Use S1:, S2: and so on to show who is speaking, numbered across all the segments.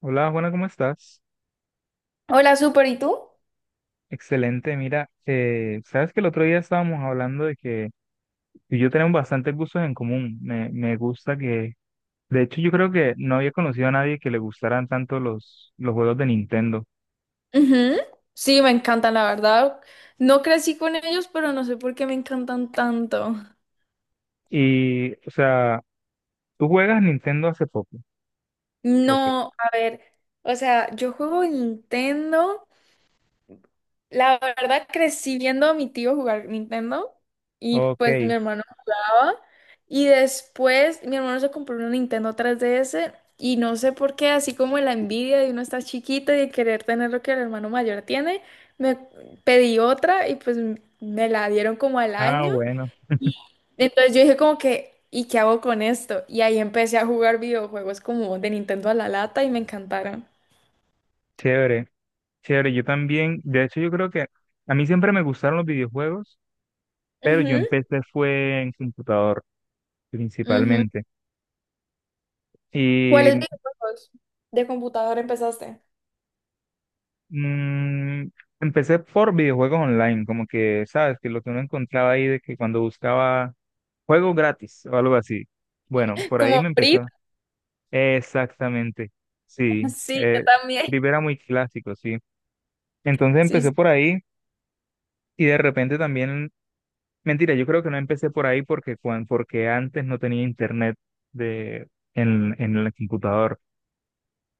S1: Hola Juana, ¿cómo estás?
S2: Hola, súper, ¿y tú?
S1: Excelente, mira, sabes que el otro día estábamos hablando de que tú y yo tenemos bastantes gustos en común. Me gusta que, de hecho, yo creo que no había conocido a nadie que le gustaran tanto los juegos de Nintendo.
S2: Ujú. Sí, me encantan, la verdad. No crecí con ellos, pero no sé por qué me encantan tanto.
S1: Y, o sea, tú juegas Nintendo hace poco. Ok.
S2: No, a ver, o sea, yo juego Nintendo. La verdad crecí viendo a mi tío jugar Nintendo y pues mi
S1: Ok.
S2: hermano jugaba. Y después mi hermano se compró una Nintendo 3DS y no sé por qué, así como la envidia de uno estar chiquito y de querer tener lo que el hermano mayor tiene, me pedí otra y pues me la dieron como al
S1: Ah,
S2: año.
S1: bueno,
S2: Entonces yo dije como que, ¿y qué hago con esto? Y ahí empecé a jugar videojuegos como de Nintendo a la lata y me encantaron.
S1: chévere, chévere. Yo también, de hecho, yo creo que a mí siempre me gustaron los videojuegos, pero yo
S2: Ujú.
S1: empecé fue en computador
S2: Ujú.
S1: principalmente.
S2: ¿Cuáles
S1: Y
S2: videojuegos de computador empezaste?
S1: Mm, Empecé por videojuegos online, como que, ¿sabes? Que lo que uno encontraba ahí de que cuando buscaba juego gratis o algo así. Bueno, por ahí
S2: Como
S1: me
S2: Free.
S1: empezó. Exactamente, sí.
S2: Sí, yo también.
S1: Free era muy clásico, sí. Entonces
S2: Sí, sí.
S1: empecé por ahí y de repente también, mentira, yo creo que no empecé por ahí porque, porque antes no tenía internet de, en el computador.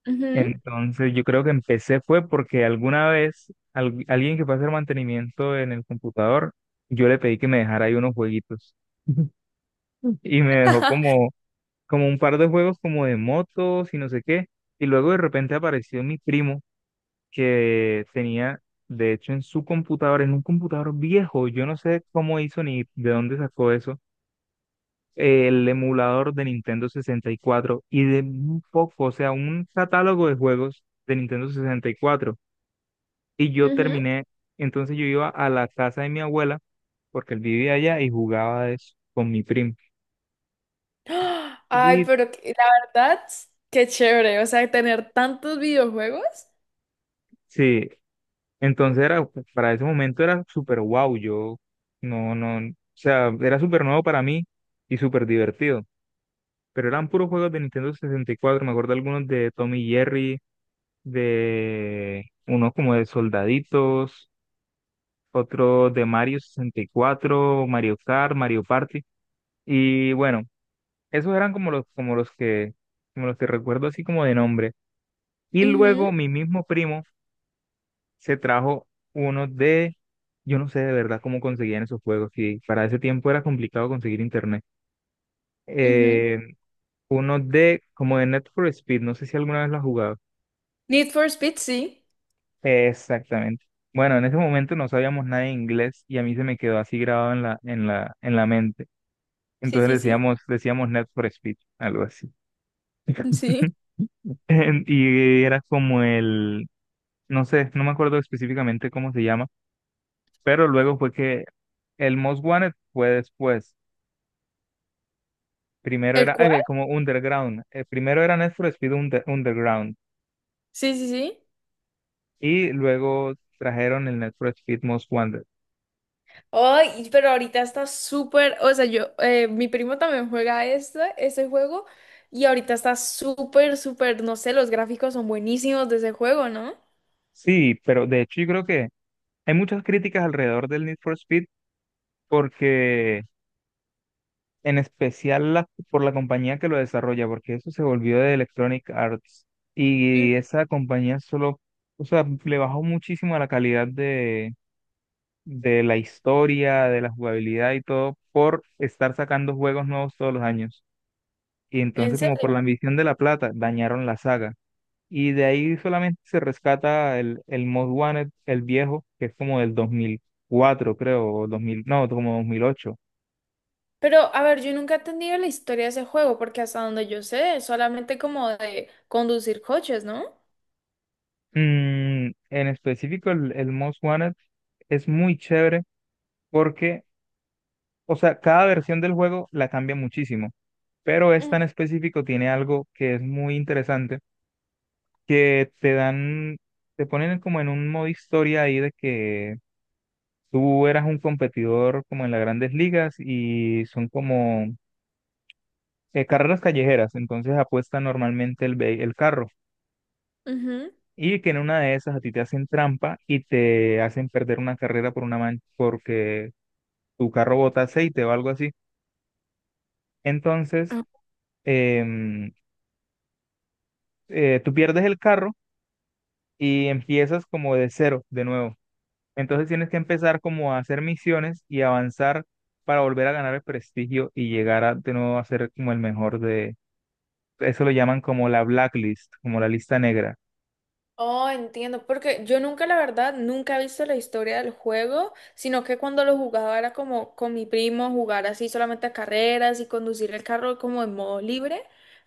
S2: Ujú.
S1: Entonces, yo creo que empecé fue porque alguna vez alguien que fue a hacer mantenimiento en el computador, yo le pedí que me dejara ahí unos jueguitos y me dejó como, como un par de juegos como de motos y no sé qué. Y luego de repente apareció mi primo que tenía, de hecho, en su computador, en un computador viejo, yo no sé cómo hizo ni de dónde sacó eso, el emulador de Nintendo 64 y cuatro y de un poco, o sea, un catálogo de juegos de Nintendo 64. Y yo
S2: Ujú.
S1: terminé, entonces yo iba a la casa de mi abuela, porque él vivía allá y jugaba eso con mi primo.
S2: ¡Ah! Ay,
S1: Y
S2: pero la verdad, qué chévere. O sea, tener tantos videojuegos.
S1: sí, entonces era, para ese momento era súper wow. Yo no, no, o sea, era súper nuevo para mí y súper divertido. Pero eran puros juegos de Nintendo 64, me acuerdo algunos de Tommy y Jerry, de unos como de soldaditos, otros de Mario 64, Mario Kart, Mario Party. Y bueno. Esos eran como los que recuerdo así como de nombre. Y
S2: Ujú,
S1: luego mi mismo primo se trajo uno de, yo no sé de verdad cómo conseguían esos juegos, y para ese tiempo era complicado conseguir internet.
S2: ujú.
S1: Eh, uno de, como de Net for Speed, no sé si alguna vez lo has jugado.
S2: Need for Speed, sí.
S1: Exactamente. Bueno, en ese momento no sabíamos nada de inglés y a mí se me quedó así grabado en la mente.
S2: Sí,
S1: Entonces
S2: sí, sí.
S1: decíamos Net for Speed, algo así.
S2: Sí.
S1: Y era como el no sé, no me acuerdo específicamente cómo se llama, pero luego fue que el Most Wanted fue después. Primero
S2: ¿El
S1: era
S2: cual?
S1: como Underground. Primero era Need for Speed Underground
S2: Sí, sí, sí.
S1: y luego trajeron el Need for Speed Most Wanted.
S2: Ay, pero ahorita está súper, o sea, yo, mi primo también juega este, ese juego y ahorita está súper, súper, no sé, los gráficos son buenísimos de ese juego, ¿no?
S1: Sí, pero de hecho yo creo que hay muchas críticas alrededor del Need for Speed porque en especial por la compañía que lo desarrolla, porque eso se volvió de Electronic Arts
S2: Mm.
S1: y esa compañía solo, o sea, le bajó muchísimo a la calidad de la historia, de la jugabilidad y todo, por estar sacando juegos nuevos todos los años. Y
S2: En
S1: entonces, como por
S2: serio.
S1: la ambición de la plata, dañaron la saga. Y de ahí solamente se rescata el Most Wanted, el viejo, que es como del 2004, creo, o 2000, no, como 2008.
S2: Pero, a ver, yo nunca he entendido la historia de ese juego porque hasta donde yo sé, es solamente como de conducir coches, ¿no?
S1: Mm, en específico, el Most Wanted es muy chévere porque, o sea, cada versión del juego la cambia muchísimo, pero
S2: Mm,
S1: esta en específico tiene algo que es muy interesante que te dan, te ponen como en un modo historia ahí de que tú eras un competidor como en las grandes ligas y son como carreras callejeras, entonces apuesta normalmente el carro
S2: ujú.
S1: y que en una de esas a ti te hacen trampa y te hacen perder una carrera por una mancha porque tu carro bota aceite o algo así. Entonces, em, tú pierdes el carro y empiezas como de cero de nuevo. Entonces tienes que empezar como a hacer misiones y avanzar para volver a ganar el prestigio y llegar a de nuevo a ser como el mejor de... Eso lo llaman como la blacklist, como la lista negra.
S2: Oh, entiendo, porque yo nunca, la verdad, nunca he visto la historia del juego, sino que cuando lo jugaba era como con mi primo jugar así solamente a carreras y conducir el carro como en modo libre,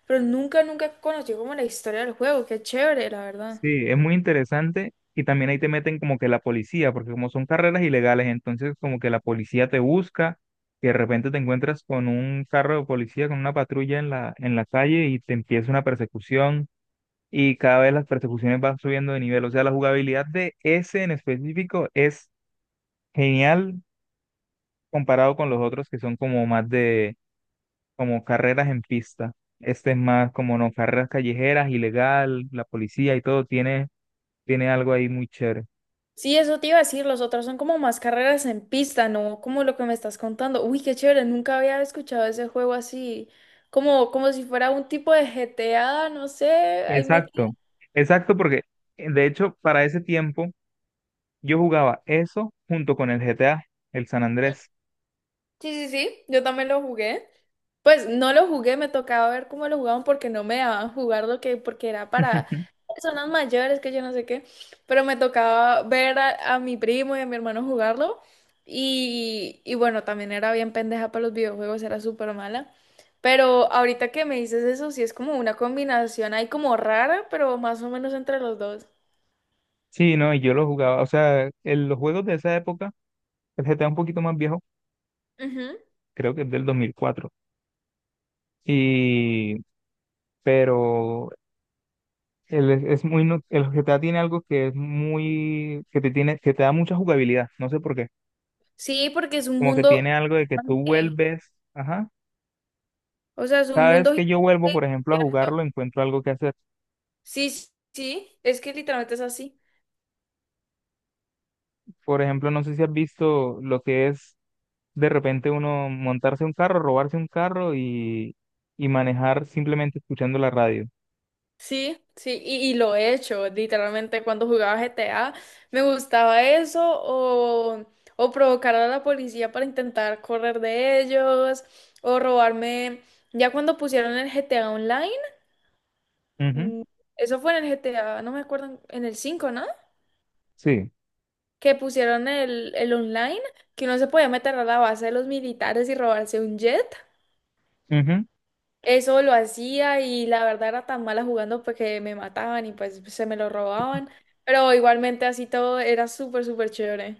S2: pero nunca, nunca conocí como la historia del juego, qué chévere, la verdad.
S1: Sí, es muy interesante y también ahí te meten como que la policía, porque como son carreras ilegales, entonces como que la policía te busca y de repente te encuentras con un carro de policía, con una patrulla en la calle y te empieza una persecución y cada vez las persecuciones van subiendo de nivel. O sea, la jugabilidad de ese en específico es genial comparado con los otros que son como más de, como carreras en pista. Este es más como, no, carreras callejeras, ilegal, la policía y todo, tiene, tiene algo ahí muy chévere.
S2: Sí, eso te iba a decir, los otros son como más carreras en pista, ¿no? Como lo que me estás contando. Uy, qué chévere, nunca había escuchado ese juego así, como, como si fuera un tipo de GTA, no sé, ahí me...
S1: Exacto, exacto, porque de hecho para ese tiempo yo jugaba eso junto con el GTA, el San Andrés.
S2: Sí, sí, sí, yo también lo jugué. Pues no lo jugué, me tocaba ver cómo lo jugaban porque no me dejaban jugar lo que, porque era para personas mayores, que yo no sé qué, pero me tocaba ver a mi primo y a mi hermano jugarlo y bueno, también era bien pendeja para los videojuegos, era súper mala, pero ahorita que me dices eso, sí es como una combinación ahí como rara, pero más o menos entre los dos.
S1: Sí, no, y yo lo jugaba, o sea, en los juegos de esa época, el GTA un poquito más viejo,
S2: Ujú.
S1: creo que es del 2004 y, pero el, es muy, el GTA tiene algo que es muy, que te tiene, que te da mucha jugabilidad, no sé por qué,
S2: Sí, porque es un
S1: como que
S2: mundo,
S1: tiene algo de que tú
S2: gigante,
S1: vuelves, ajá,
S2: o sea, es un
S1: cada
S2: mundo...
S1: vez
S2: gigante.
S1: que yo vuelvo, por ejemplo, a jugarlo, encuentro algo que hacer.
S2: Sí, sí, sí, es que literalmente es así.
S1: Por ejemplo, no sé si has visto lo que es de repente uno montarse un carro, robarse un carro y manejar simplemente escuchando la radio.
S2: Sí, sí, y lo he hecho, literalmente cuando jugaba GTA me gustaba eso o provocar a la policía para intentar correr de ellos o robarme, ya cuando pusieron el GTA Online,
S1: Ujú.
S2: mm, eso fue en el GTA, no me acuerdo, en el 5, ¿no?
S1: Sí,
S2: Que pusieron el online, que uno se podía meter a la base de los militares y robarse un jet.
S1: ujú,
S2: Eso lo hacía y la verdad era tan mala jugando pues que me mataban y pues se me lo robaban. Pero igualmente así todo era súper, súper chévere.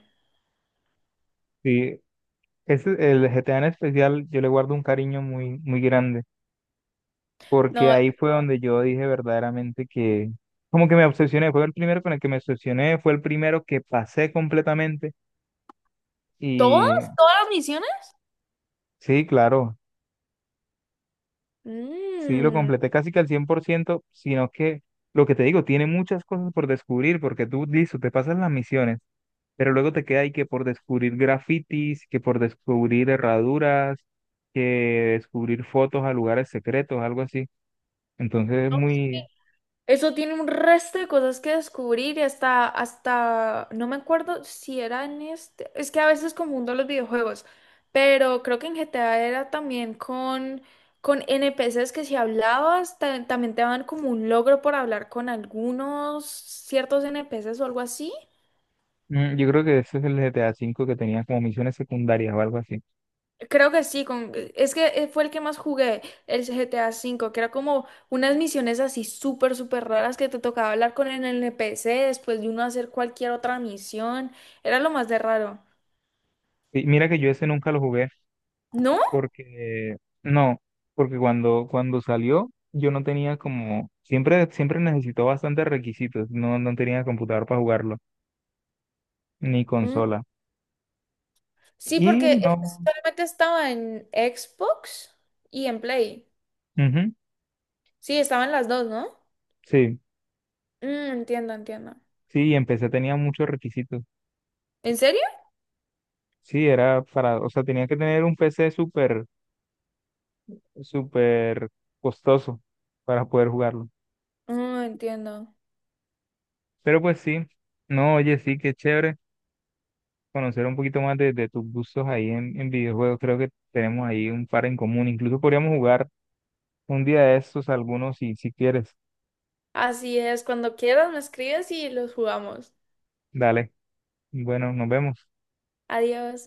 S1: sí. Ese, el GTA en especial, yo le guardo un cariño muy, muy grande, porque
S2: No.
S1: ahí fue donde yo dije verdaderamente que como que me obsesioné, fue el primero con el que me obsesioné, fue el primero que pasé completamente
S2: ¿Todas?
S1: y
S2: ¿Todas las misiones?
S1: sí, claro, sí lo
S2: mm,
S1: completé casi que al 100% sino que lo que te digo, tiene muchas cosas por descubrir porque tú, listo, te pasas las misiones, pero luego te queda ahí que por descubrir grafitis, que por descubrir herraduras, que descubrir fotos a lugares secretos, algo así. Entonces es muy.
S2: Eso tiene un resto de cosas que descubrir y hasta, hasta, no me acuerdo si era en este, es que a veces confundo los videojuegos, pero creo que en GTA era también con NPCs que si hablabas, también te daban como un logro por hablar con algunos ciertos NPCs o algo así.
S1: Yo creo que ese es el GTA cinco que tenía como misiones secundarias o algo así.
S2: Creo que sí, con... es que fue el que más jugué, el GTA V, que era como unas misiones así súper, súper raras que te tocaba hablar con el NPC después de uno hacer cualquier otra misión. Era lo más de raro.
S1: Y mira que yo ese nunca lo jugué
S2: ¿No?
S1: porque, no, porque cuando, cuando salió yo no tenía como, siempre, siempre necesitó bastantes requisitos, no, no tenía computador para jugarlo, ni
S2: Mm.
S1: consola.
S2: Sí,
S1: Y
S2: porque
S1: no,
S2: solamente estaba en Xbox y en Play.
S1: ujú,
S2: Sí, estaban las dos, ¿no?
S1: sí,
S2: Mm, entiendo, entiendo.
S1: sí, y empecé tenía muchos requisitos.
S2: ¿En serio?
S1: Sí, era para, o sea, tenía que tener un PC súper, súper costoso para poder jugarlo.
S2: Mm, entiendo.
S1: Pero pues sí, no, oye, sí, qué chévere conocer un poquito más de tus gustos ahí en videojuegos. Creo que tenemos ahí un par en común. Incluso podríamos jugar un día de estos algunos si quieres.
S2: Así es, cuando quieras me escribes y los jugamos.
S1: Dale. Bueno, nos vemos.
S2: Adiós.